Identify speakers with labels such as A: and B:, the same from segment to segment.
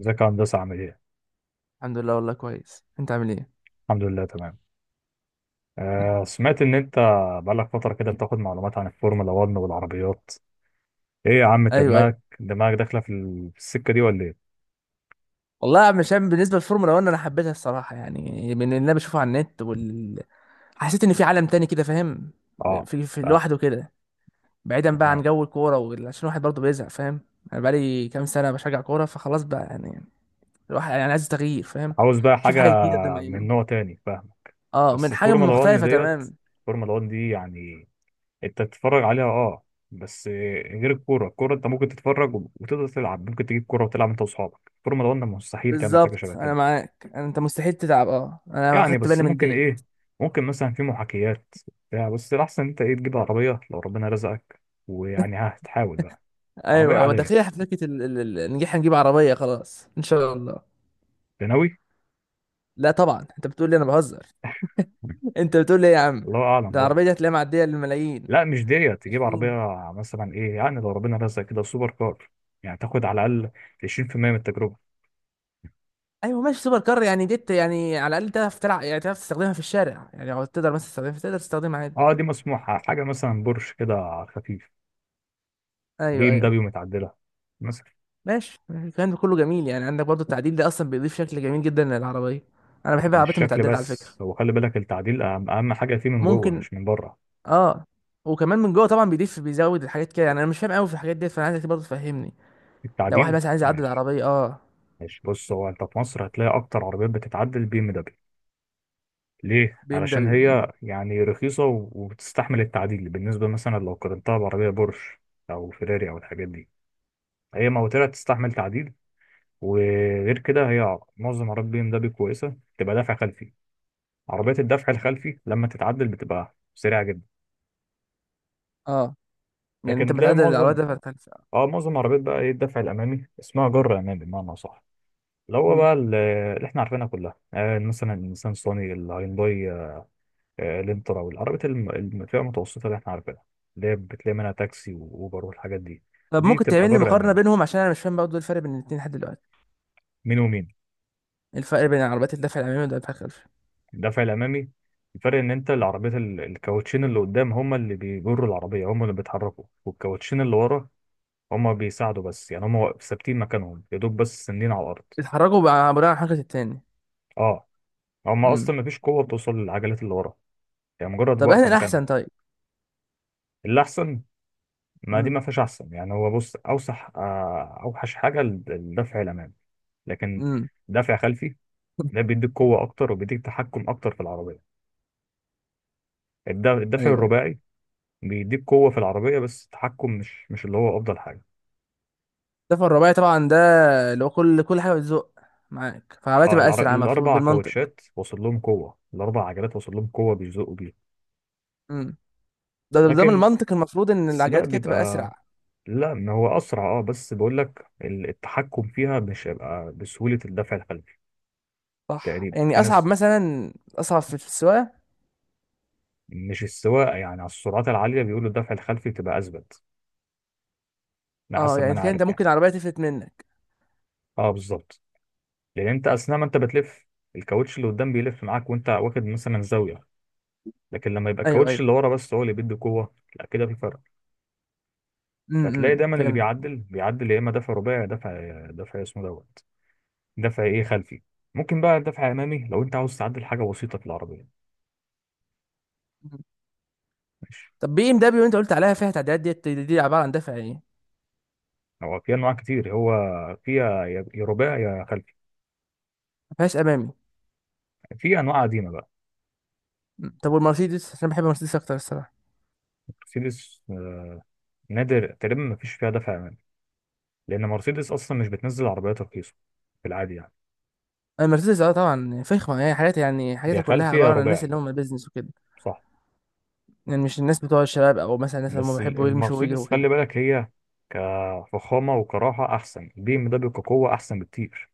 A: ازيك يا هندسة عامل ايه؟
B: الحمد لله، والله كويس. انت عامل ايه؟
A: الحمد لله تمام.
B: مم.
A: آه سمعت ان انت بقالك فترة كده بتاخد معلومات عن الفورمولا 1 والعربيات. ايه يا عم انت
B: ايوه، ايوه.
A: دماغك داخلة في السكة دي ولا ايه؟
B: والله مشان بالنسبه للفورمولا 1 انا حبيتها الصراحه، يعني من اللي انا بشوفه على النت حسيت ان في عالم تاني كده، فاهم؟
A: اه
B: في
A: فاهم
B: لوحده كده. بعيدا بقى عن
A: تمام.
B: جو الكوره عشان الواحد برضه بيزهق، فاهم؟ انا بقالي كام سنه بشجع كوره، فخلاص بقى يعني. الواحد يعني عايز تغيير، فاهم؟
A: عاوز بقى
B: شوف
A: حاجة
B: حاجه جديده قدام
A: من
B: عينه.
A: نوع تاني فاهمك.
B: اه،
A: بس
B: من حاجه
A: الفورمولا 1
B: مختلفه.
A: ديت
B: تمام.
A: الفورمولا 1 دي يعني انت تتفرج عليها اه بس. غير الكورة، الكورة انت ممكن تتفرج وتقدر تلعب، ممكن تجيب كورة وتلعب انت واصحابك. الفورمولا 1 مستحيل تعمل حاجة شبه
B: بالظبط،
A: كده.
B: انا معاك. انت مستحيل تتعب. اه، انا
A: يعني
B: خدت
A: بس
B: بالي من
A: ممكن
B: دي.
A: ايه، ممكن مثلا في محاكيات بتاع، بس الاحسن انت ايه تجيب عربيه لو ربنا رزقك ويعني ها هتحاول بقى. عربيه
B: ايوه، ايوه.
A: عاديه
B: داخلين حفلة نجيح، نجيب عربيه خلاص ان شاء الله.
A: أنت ناوي؟
B: لا طبعا، انت بتقول لي انا بهزر؟ انت بتقول لي ايه يا عم؟
A: الله اعلم
B: ده
A: برضه.
B: العربيه دي هتلاقيها معديه للملايين.
A: لا مش ديت تجيب عربيه
B: 20.
A: مثلا ايه يعني لو ربنا رزقك كده سوبر كار يعني تاخد على الاقل 20% من التجربه.
B: ايوه ماشي، سوبر كار يعني ديت، يعني على الاقل تعرف تلعب، يعني تعرف تستخدمها في الشارع، يعني لو تقدر مثلا تستخدمها تقدر تستخدمها عادي.
A: اه دي مسموحه حاجه مثلا بورش كده خفيف ليه
B: ايوه،
A: مدبي
B: ايوه.
A: ومتعدله مثلا.
B: ماشي، الكلام ده كله جميل. يعني عندك برضو التعديل ده اصلا بيضيف شكل جميل جدا للعربيه. انا بحب
A: مش
B: العربيات
A: شكل
B: المتعدله على فكره.
A: بس، هو خلي بالك التعديل اهم حاجه فيه من جوه
B: ممكن.
A: مش من بره.
B: اه. وكمان من جوه طبعا بيضيف، بيزود الحاجات كده. يعني انا مش فاهم قوي في الحاجات ديت، فانا عايزك برضو تفهمني. لو واحد
A: التعديل
B: مثلا عايز يعدل
A: ماشي.
B: العربيه، اه.
A: ماشي بص، هو انت في مصر هتلاقي اكتر عربيات بتتعدل البي ام دبليو. ليه؟
B: بي ام
A: علشان
B: دبليو.
A: هي يعني رخيصه وبتستحمل التعديل بالنسبه، مثلا لو قارنتها بعربيه بورش او فيراري او الحاجات دي. هي موتورها تستحمل تعديل. وغير كده هي معظم عربيات بي ام دبليو كويسه تبقى دافع خلفي. عربيات الدفع الخلفي لما تتعدل بتبقى سريعه جدا.
B: اه، يعني انت
A: لكن تلاقي
B: متعدل العربيه ده.
A: معظم عربيات بقى ايه، الدفع الامامي، اسمها جر امامي بمعنى صح، اللي هو
B: مم.
A: بقى ال- اللي احنا عارفينها كلها، مثلا النيسان صاني، الهيونداي الانترا، والعربيات الفئة المتوسطة اللي احنا عارفينها، اللي هي بتلاقي منها تاكسي وأوبر والحاجات دي.
B: طب
A: دي
B: ممكن
A: بتبقى
B: تعمل لي
A: جر
B: مقارنة
A: أمامي.
B: بينهم؟ عشان انا مش فاهم برضه إيه الفرق بين الاتنين لحد دلوقتي.
A: مين ومين؟
B: إيه الفرق بين العربيات الدفع الامامي والدفع الخلفي؟
A: الدفع الأمامي. الفرق إن أنت العربيات الكاوتشين اللي قدام هما اللي بيجروا العربية، هما اللي بيتحركوا. والكاوتشين اللي ورا هما بيساعدوا بس، يعني هما ثابتين مكانهم يا دوب، بس سندين على الأرض.
B: بيتحركوا بقى بناء على حركة التاني.
A: اه، هما
B: امم.
A: أصلا مفيش قوة بتوصل للعجلات اللي ورا، يعني مجرد
B: طب اهنا
A: واقفة مكانها.
B: الاحسن؟ طيب.
A: اللي أحسن؟ ما دي
B: امم.
A: ما فيهاش أحسن، يعني هو بص أوسح آه، أوحش حاجة الدفع الأمامي. لكن
B: امم.
A: دافع خلفي ده بيديك قوة أكتر وبيديك تحكم أكتر في العربية. الدافع
B: ايوه.
A: الرباعي بيديك قوة في العربية، بس التحكم مش اللي هو أفضل حاجة.
B: الدفع الرباعي طبعا ده، اللي هو كل كل حاجة بتزق معاك، فالعربية
A: اه،
B: تبقى اسرع المفروض
A: الأربع
B: بالمنطق.
A: كاوتشات وصل لهم قوة، الأربع عجلات وصل لهم قوة بيزقوا بيها.
B: امم. ده ده من
A: لكن
B: المنطق المفروض ان
A: السباق
B: العجلات كده تبقى
A: بيبقى،
B: اسرع.
A: لا ما هو أسرع، اه بس بقول لك التحكم فيها مش هيبقى بسهولة الدفع الخلفي.
B: صح،
A: تقريبا، في
B: يعني اصعب
A: ناس،
B: مثلا، اصعب في السواقة.
A: مش السواقة يعني، على السرعات العالية بيقولوا الدفع الخلفي بتبقى أثبت. ده
B: اه،
A: حسب ما
B: يعني
A: أنا
B: كده انت
A: عارف يعني.
B: ممكن العربية تفلت منك.
A: اه بالظبط، لان انت اثناء ما انت بتلف الكاوتش اللي قدام بيلف معاك وانت واخد مثلا زاويه، لكن لما يبقى
B: ايوه،
A: الكاوتش
B: ايوه.
A: اللي ورا بس هو اللي بيدي قوه لا، كده في فرق. فتلاقي
B: امم،
A: دايما اللي
B: فهمت.
A: بيعدل بيعدل يا اما دفع رباعي، يا دفع دفع اسمه دوت، دفع ايه، خلفي. ممكن بقى دفع امامي لو انت عاوز تعدل حاجه بسيطه في العربيه. ماشي.
B: طب بي ام دبليو اللي انت قلت عليها فيها تعديلات ديت، دي, دي عباره عن دافع ايه؟ ما
A: هو في انواع كتير، هو فيها يا رباعي يا خلفي.
B: فيهاش امامي؟
A: في انواع قديمه بقى.
B: م. طب والمرسيدس، عشان بحب المرسيدس اكتر الصراحه.
A: مرسيدس، نادر تقريبا ما فيش فيها دفع امامي، لان مرسيدس اصلا مش بتنزل عربيات رخيصه في العادي يعني.
B: المرسيدس اه، طبعا فخمه. يعني حاجات، يعني
A: يا
B: حاجاتها كلها
A: خلفي يا
B: عباره عن الناس
A: رباعي.
B: اللي هم بيزنس وكده.
A: صح،
B: يعني مش الناس بتوع الشباب، او مثلا الناس اللي هم
A: بس
B: بيحبوا يمشوا ويجروا
A: المرسيدس خلي
B: وكده.
A: بالك هي كفخامة وكراحة أحسن، البي ام دبليو كقوة أحسن بكتير.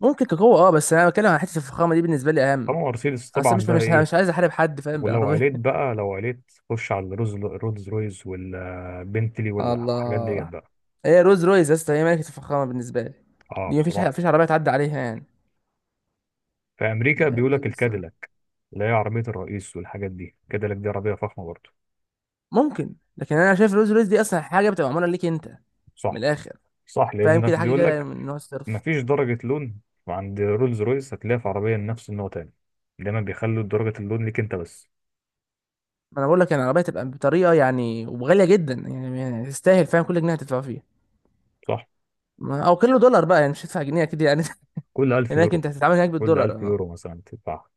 B: ممكن كقوه، اه. بس انا بتكلم عن حته الفخامه، دي بالنسبه لي
A: أما
B: اهم.
A: مرسيدس
B: اصل
A: طبعا
B: مش
A: بقى
B: مش
A: إيه.
B: مش عايز احارب حد، فاهم؟
A: ولو
B: بالعربيه.
A: عليت بقى، لو عليت، خش على رولز رويز والبنتلي والحاجات ديت
B: الله.
A: بقى.
B: هي روز رويز يا اسطى، هي ملكه الفخامه بالنسبه لي.
A: أه
B: دي
A: بصراحة.
B: مفيش عربيه تعدي عليها يعني.
A: في أمريكا
B: روز
A: بيقولك
B: رويز.
A: الكاديلاك، اللي هي عربية الرئيس والحاجات دي. الكاديلاك دي عربية فخمة برضه.
B: ممكن، لكن انا شايف الرولز رويس دي اصلا حاجه بتبقى معموله ليك انت. من
A: صح.
B: الاخر.
A: صح،
B: فاهم، كده
A: لأنك
B: حاجه كده
A: بيقولك
B: من نوع الصرف.
A: مفيش درجة لون عند رولز رويس هتلاقيها في عربية نفس النوع تاني. دايما بيخلوا درجة اللون ليك أنت بس.
B: ما انا بقول لك، يعني العربيه تبقى بطريقه يعني، وغاليه جدا، يعني يعني تستاهل، فاهم؟ كل جنيه هتدفع فيها.
A: صح.
B: او كيلو دولار بقى يعني، مش هتدفع جنيه اكيد يعني.
A: كل 1000
B: هناك
A: يورو
B: انت هتتعامل هناك
A: كل
B: بالدولار،
A: 1000
B: اه.
A: يورو مثلا تدفعها.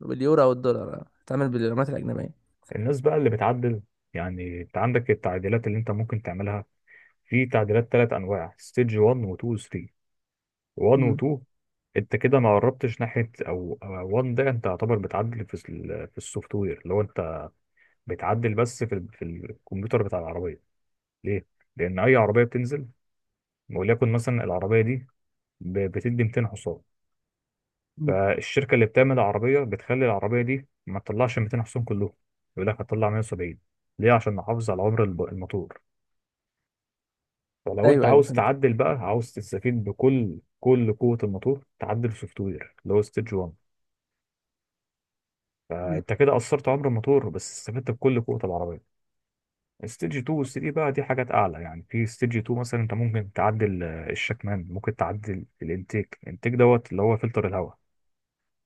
B: باليورو او الدولار، اه. هتتعامل بالعملات الاجنبيه.
A: الناس بقى اللي بتعدل، يعني انت عندك التعديلات اللي انت ممكن تعملها. في تعديلات ثلاث انواع، ستيج 1 و 2 و 3. 1 و
B: مم.
A: 2 انت كده ما قربتش ناحيه، او 1 ده انت يعتبر بتعدل في السوفت وير. لو انت بتعدل بس في الكمبيوتر بتاع العربيه. ليه؟ لان اي عربيه بتنزل، وليكن مثلا العربيه دي بتدي 200 حصان،
B: مم.
A: فالشركة اللي بتعمل العربية بتخلي العربية دي ما تطلعش 200 حصان كلهم، يقول لك هتطلع 170. ليه؟ عشان نحافظ على عمر الموتور. فلو انت
B: ايوه، ايوه،
A: عاوز
B: فهمت.
A: تعدل بقى، عاوز تستفيد بكل قوة الموتور، تعدل سوفت وير اللي هو ستيج 1.
B: مم.
A: فانت كده قصرت عمر الموتور بس استفدت بكل قوة العربية. ستيج 2 و 3 بقى دي حاجات اعلى. يعني في ستيج 2 مثلا انت ممكن تعدل الشكمان، ممكن تعدل الانتيك دوت اللي هو فلتر الهواء،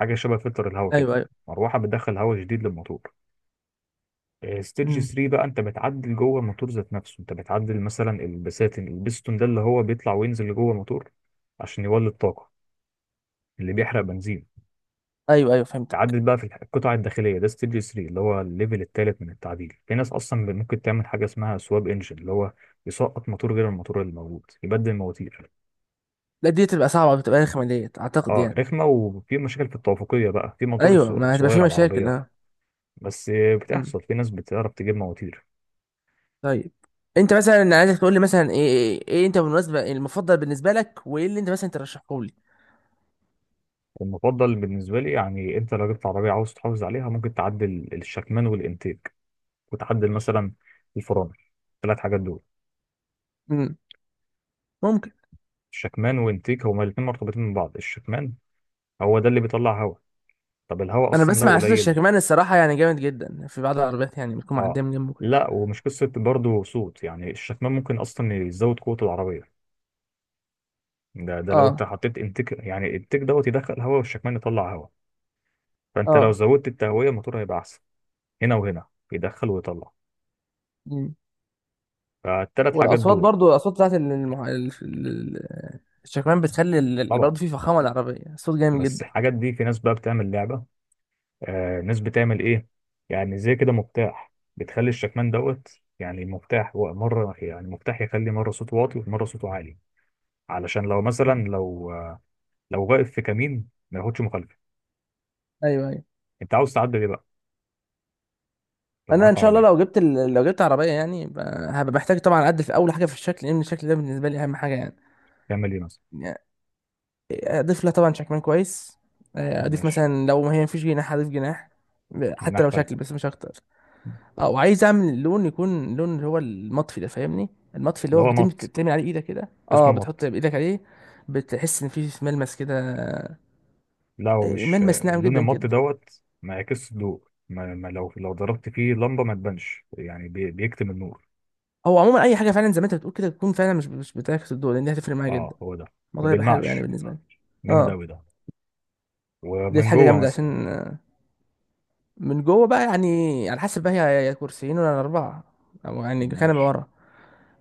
A: حاجة شبه فلتر الهواء كده،
B: ايوه، ايوه.
A: مروحة بتدخل هواء جديد للموتور.
B: مم.
A: ستيج 3 بقى انت بتعدل جوه الموتور ذات نفسه، انت بتعدل مثلا البستون ده اللي هو بيطلع وينزل لجوه الموتور عشان يولد طاقة، اللي بيحرق بنزين.
B: ايوه، ايوه، فهمت.
A: تعدل بقى في القطع الداخلية، ده ستيج 3، اللي هو الليفل الثالث من التعديل. في ناس اصلا ممكن تعمل حاجة اسمها سواب انجن، اللي هو يسقط موتور غير الموتور اللي موجود، يبدل المواتير.
B: لا، دي تبقى صعبه، بتبقى رخمه ديت اعتقد
A: اه
B: يعني.
A: رخمة، وفي مشاكل في التوافقية بقى، في موتور
B: ايوه، ما هتبقى في
A: صغير على
B: مشاكل.
A: العربية. بس
B: اه.
A: بتحصل، في ناس بتعرف تجيب مواتير.
B: طيب. انت مثلا، عايزك تقول لي مثلا ايه ايه, إيه انت بالمناسبه المفضل بالنسبه لك وايه اللي انت مثلا ترشحه لي؟
A: المفضل بالنسبة لي، يعني أنت لو جبت عربية عاوز تحافظ عليها ممكن تعدل الشكمان والإنتيك، وتعدل مثلا الفرامل. الثلاث حاجات دول،
B: امم. ممكن.
A: الشكمان والإنتيك هما الاتنين مرتبطين من بعض. الشكمان هو ده اللي بيطلع هواء، طب الهواء
B: انا
A: أصلا لو
B: بسمع صوت
A: قليل،
B: الشكمان الصراحه يعني جامد جدا في بعض العربيات، يعني بتكون
A: أه
B: معديه من جنبه كده.
A: لا، ومش قصة برضه صوت يعني، الشكمان ممكن أصلا يزود قوة العربية. ده لو أنت
B: اه.
A: حطيت إنتيك، يعني الإنتيك دوت يدخل هواء والشكمان يطلع هواء، فأنت لو
B: اه.
A: زودت التهوية الموتور هيبقى أحسن. هنا وهنا، يدخل ويطلع.
B: مم.
A: فالتلات حاجات
B: والاصوات
A: دول.
B: برضو، الاصوات بتاعت الشكمان بتخلي ال... برضو
A: طبعا
B: في فخامه العربيه صوت جامد
A: بس
B: جدا.
A: الحاجات دي في ناس بقى بتعمل لعبة. ناس بتعمل ايه، يعني زي كده مفتاح، بتخلي الشكمان دوت، يعني المفتاح هو مرة، يعني مفتاح يخلي مرة صوته واطي ومرة صوته عالي، علشان لو مثلا
B: مم.
A: لو واقف في كمين ما ياخدش مخالفة.
B: ايوه، ايوه.
A: انت عاوز تعدل ايه بقى لو
B: انا ان
A: معاك
B: شاء الله لو
A: عربية؟
B: جبت لو جبت عربيه يعني، هبقى محتاج طبعا اعدل في اول حاجه في الشكل، لان الشكل ده بالنسبه لي اهم حاجه يعني.
A: تعمل ايه مثلا؟
B: اضيف لها طبعا شكمان كويس. آه، اضيف
A: ماشي.
B: مثلا لو ما هي مفيش جناح اضيف جناح، حتى
A: مناخ
B: لو شكل
A: خلفي.
B: بس مش اكتر. اه، وعايز اعمل اللون يكون لون اللي هو المطفي ده، فاهمني؟ المطفي اللي
A: اللي
B: هو
A: هو
B: بتم
A: مط،
B: بتعمل عليه ايدك كده، اه،
A: اسمه مط.
B: بتحط بايدك عليه، بتحس ان في ملمس كده.
A: لا، هو
B: آه،
A: مش
B: ملمس ناعم
A: لون
B: جدا
A: المط
B: كده.
A: دوت ما يعكسش الضوء، ما لو ضربت فيه لمبة ما تبانش، يعني بيكتم النور.
B: هو عموما اي حاجه فعلا زي ما انت بتقول كده تكون فعلا مش بتعكس الضوء، لان دي هتفرق معايا جدا.
A: اه هو ده، ما
B: الموضوع هيبقى حلو يعني
A: بيلمعش،
B: بالنسبه لي.
A: جامد
B: اه.
A: أوي ده.
B: دي
A: ومن
B: حاجه
A: جوه
B: جامده
A: مثلا،
B: عشان، آه، من جوه بقى يعني على حسب بقى، هي يا كرسيين ولا اربعه، او يعني كنبه
A: ماشي.
B: ورا.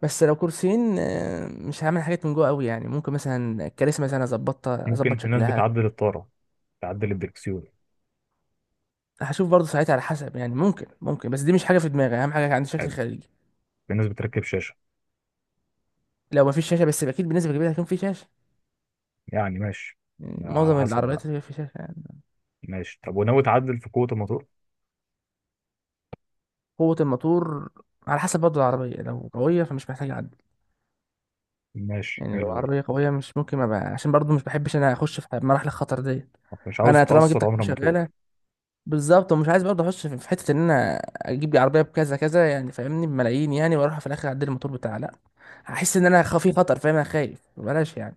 B: بس لو كرسيين، آه، مش هعمل حاجات من جوه قوي، يعني ممكن مثلا الكراسي مثلا اظبطها،
A: ممكن
B: اظبط
A: في ناس
B: شكلها.
A: بتعدل الطارة، تعدل الدركسيون.
B: هشوف برضه ساعتها على حسب يعني. ممكن ممكن، بس دي مش حاجه في دماغي. اهم حاجه عندي شكل
A: حلو.
B: خارجي.
A: في ناس بتركب شاشة.
B: لو مفيش شاشه بس اكيد بالنسبه كبيره هيكون في شاشه،
A: يعني ماشي،
B: يعني
A: على
B: معظم
A: حسب بقى.
B: العربيات هيبقى في شاشه يعني.
A: ماشي، طب وناوي تعدل في قوة الموتور؟
B: قوه الموتور. على حسب برضه العربيه، لو قويه فمش محتاج اعدل.
A: ماشي،
B: يعني لو
A: حلوة دي.
B: العربيه قويه مش ممكن ابقى، عشان برضه مش بحبش انا اخش في مراحل الخطر دي.
A: طب مش عاوز
B: انا طالما جبت
A: تأثر عمر
B: حاجه
A: الموتور.
B: شغاله. بالظبط، ومش عايز برضه اخش في حته ان انا اجيب لي عربيه بكذا كذا يعني فاهمني، بملايين يعني، واروح في الاخر اعدل الموتور بتاع. لا، هحس ان انا في خطر، فاهم؟ انا خايف بلاش يعني.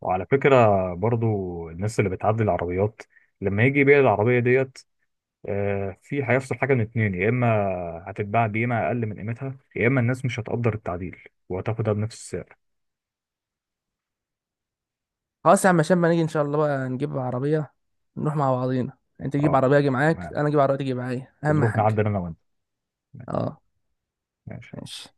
A: وعلى فكرة، برضو الناس اللي بتعدل العربيات لما يجي يبيع العربية ديت في هيحصل حاجة من اتنين، يا إما هتتباع بقيمة أقل من قيمتها، يا إما الناس مش هتقدر التعديل وهتاخدها بنفس السعر.
B: خلاص يا عم هشام، ما نيجي ان شاء الله بقى نجيب عربيه. نروح مع بعضينا، انت تجيب
A: اه
B: عربيه اجي معاك،
A: تمام.
B: انا اجيب عربيه تيجي معايا، اهم
A: ونروح
B: حاجه.
A: نعدل أنا وأنت.
B: اه.
A: ماشي.
B: ماشي.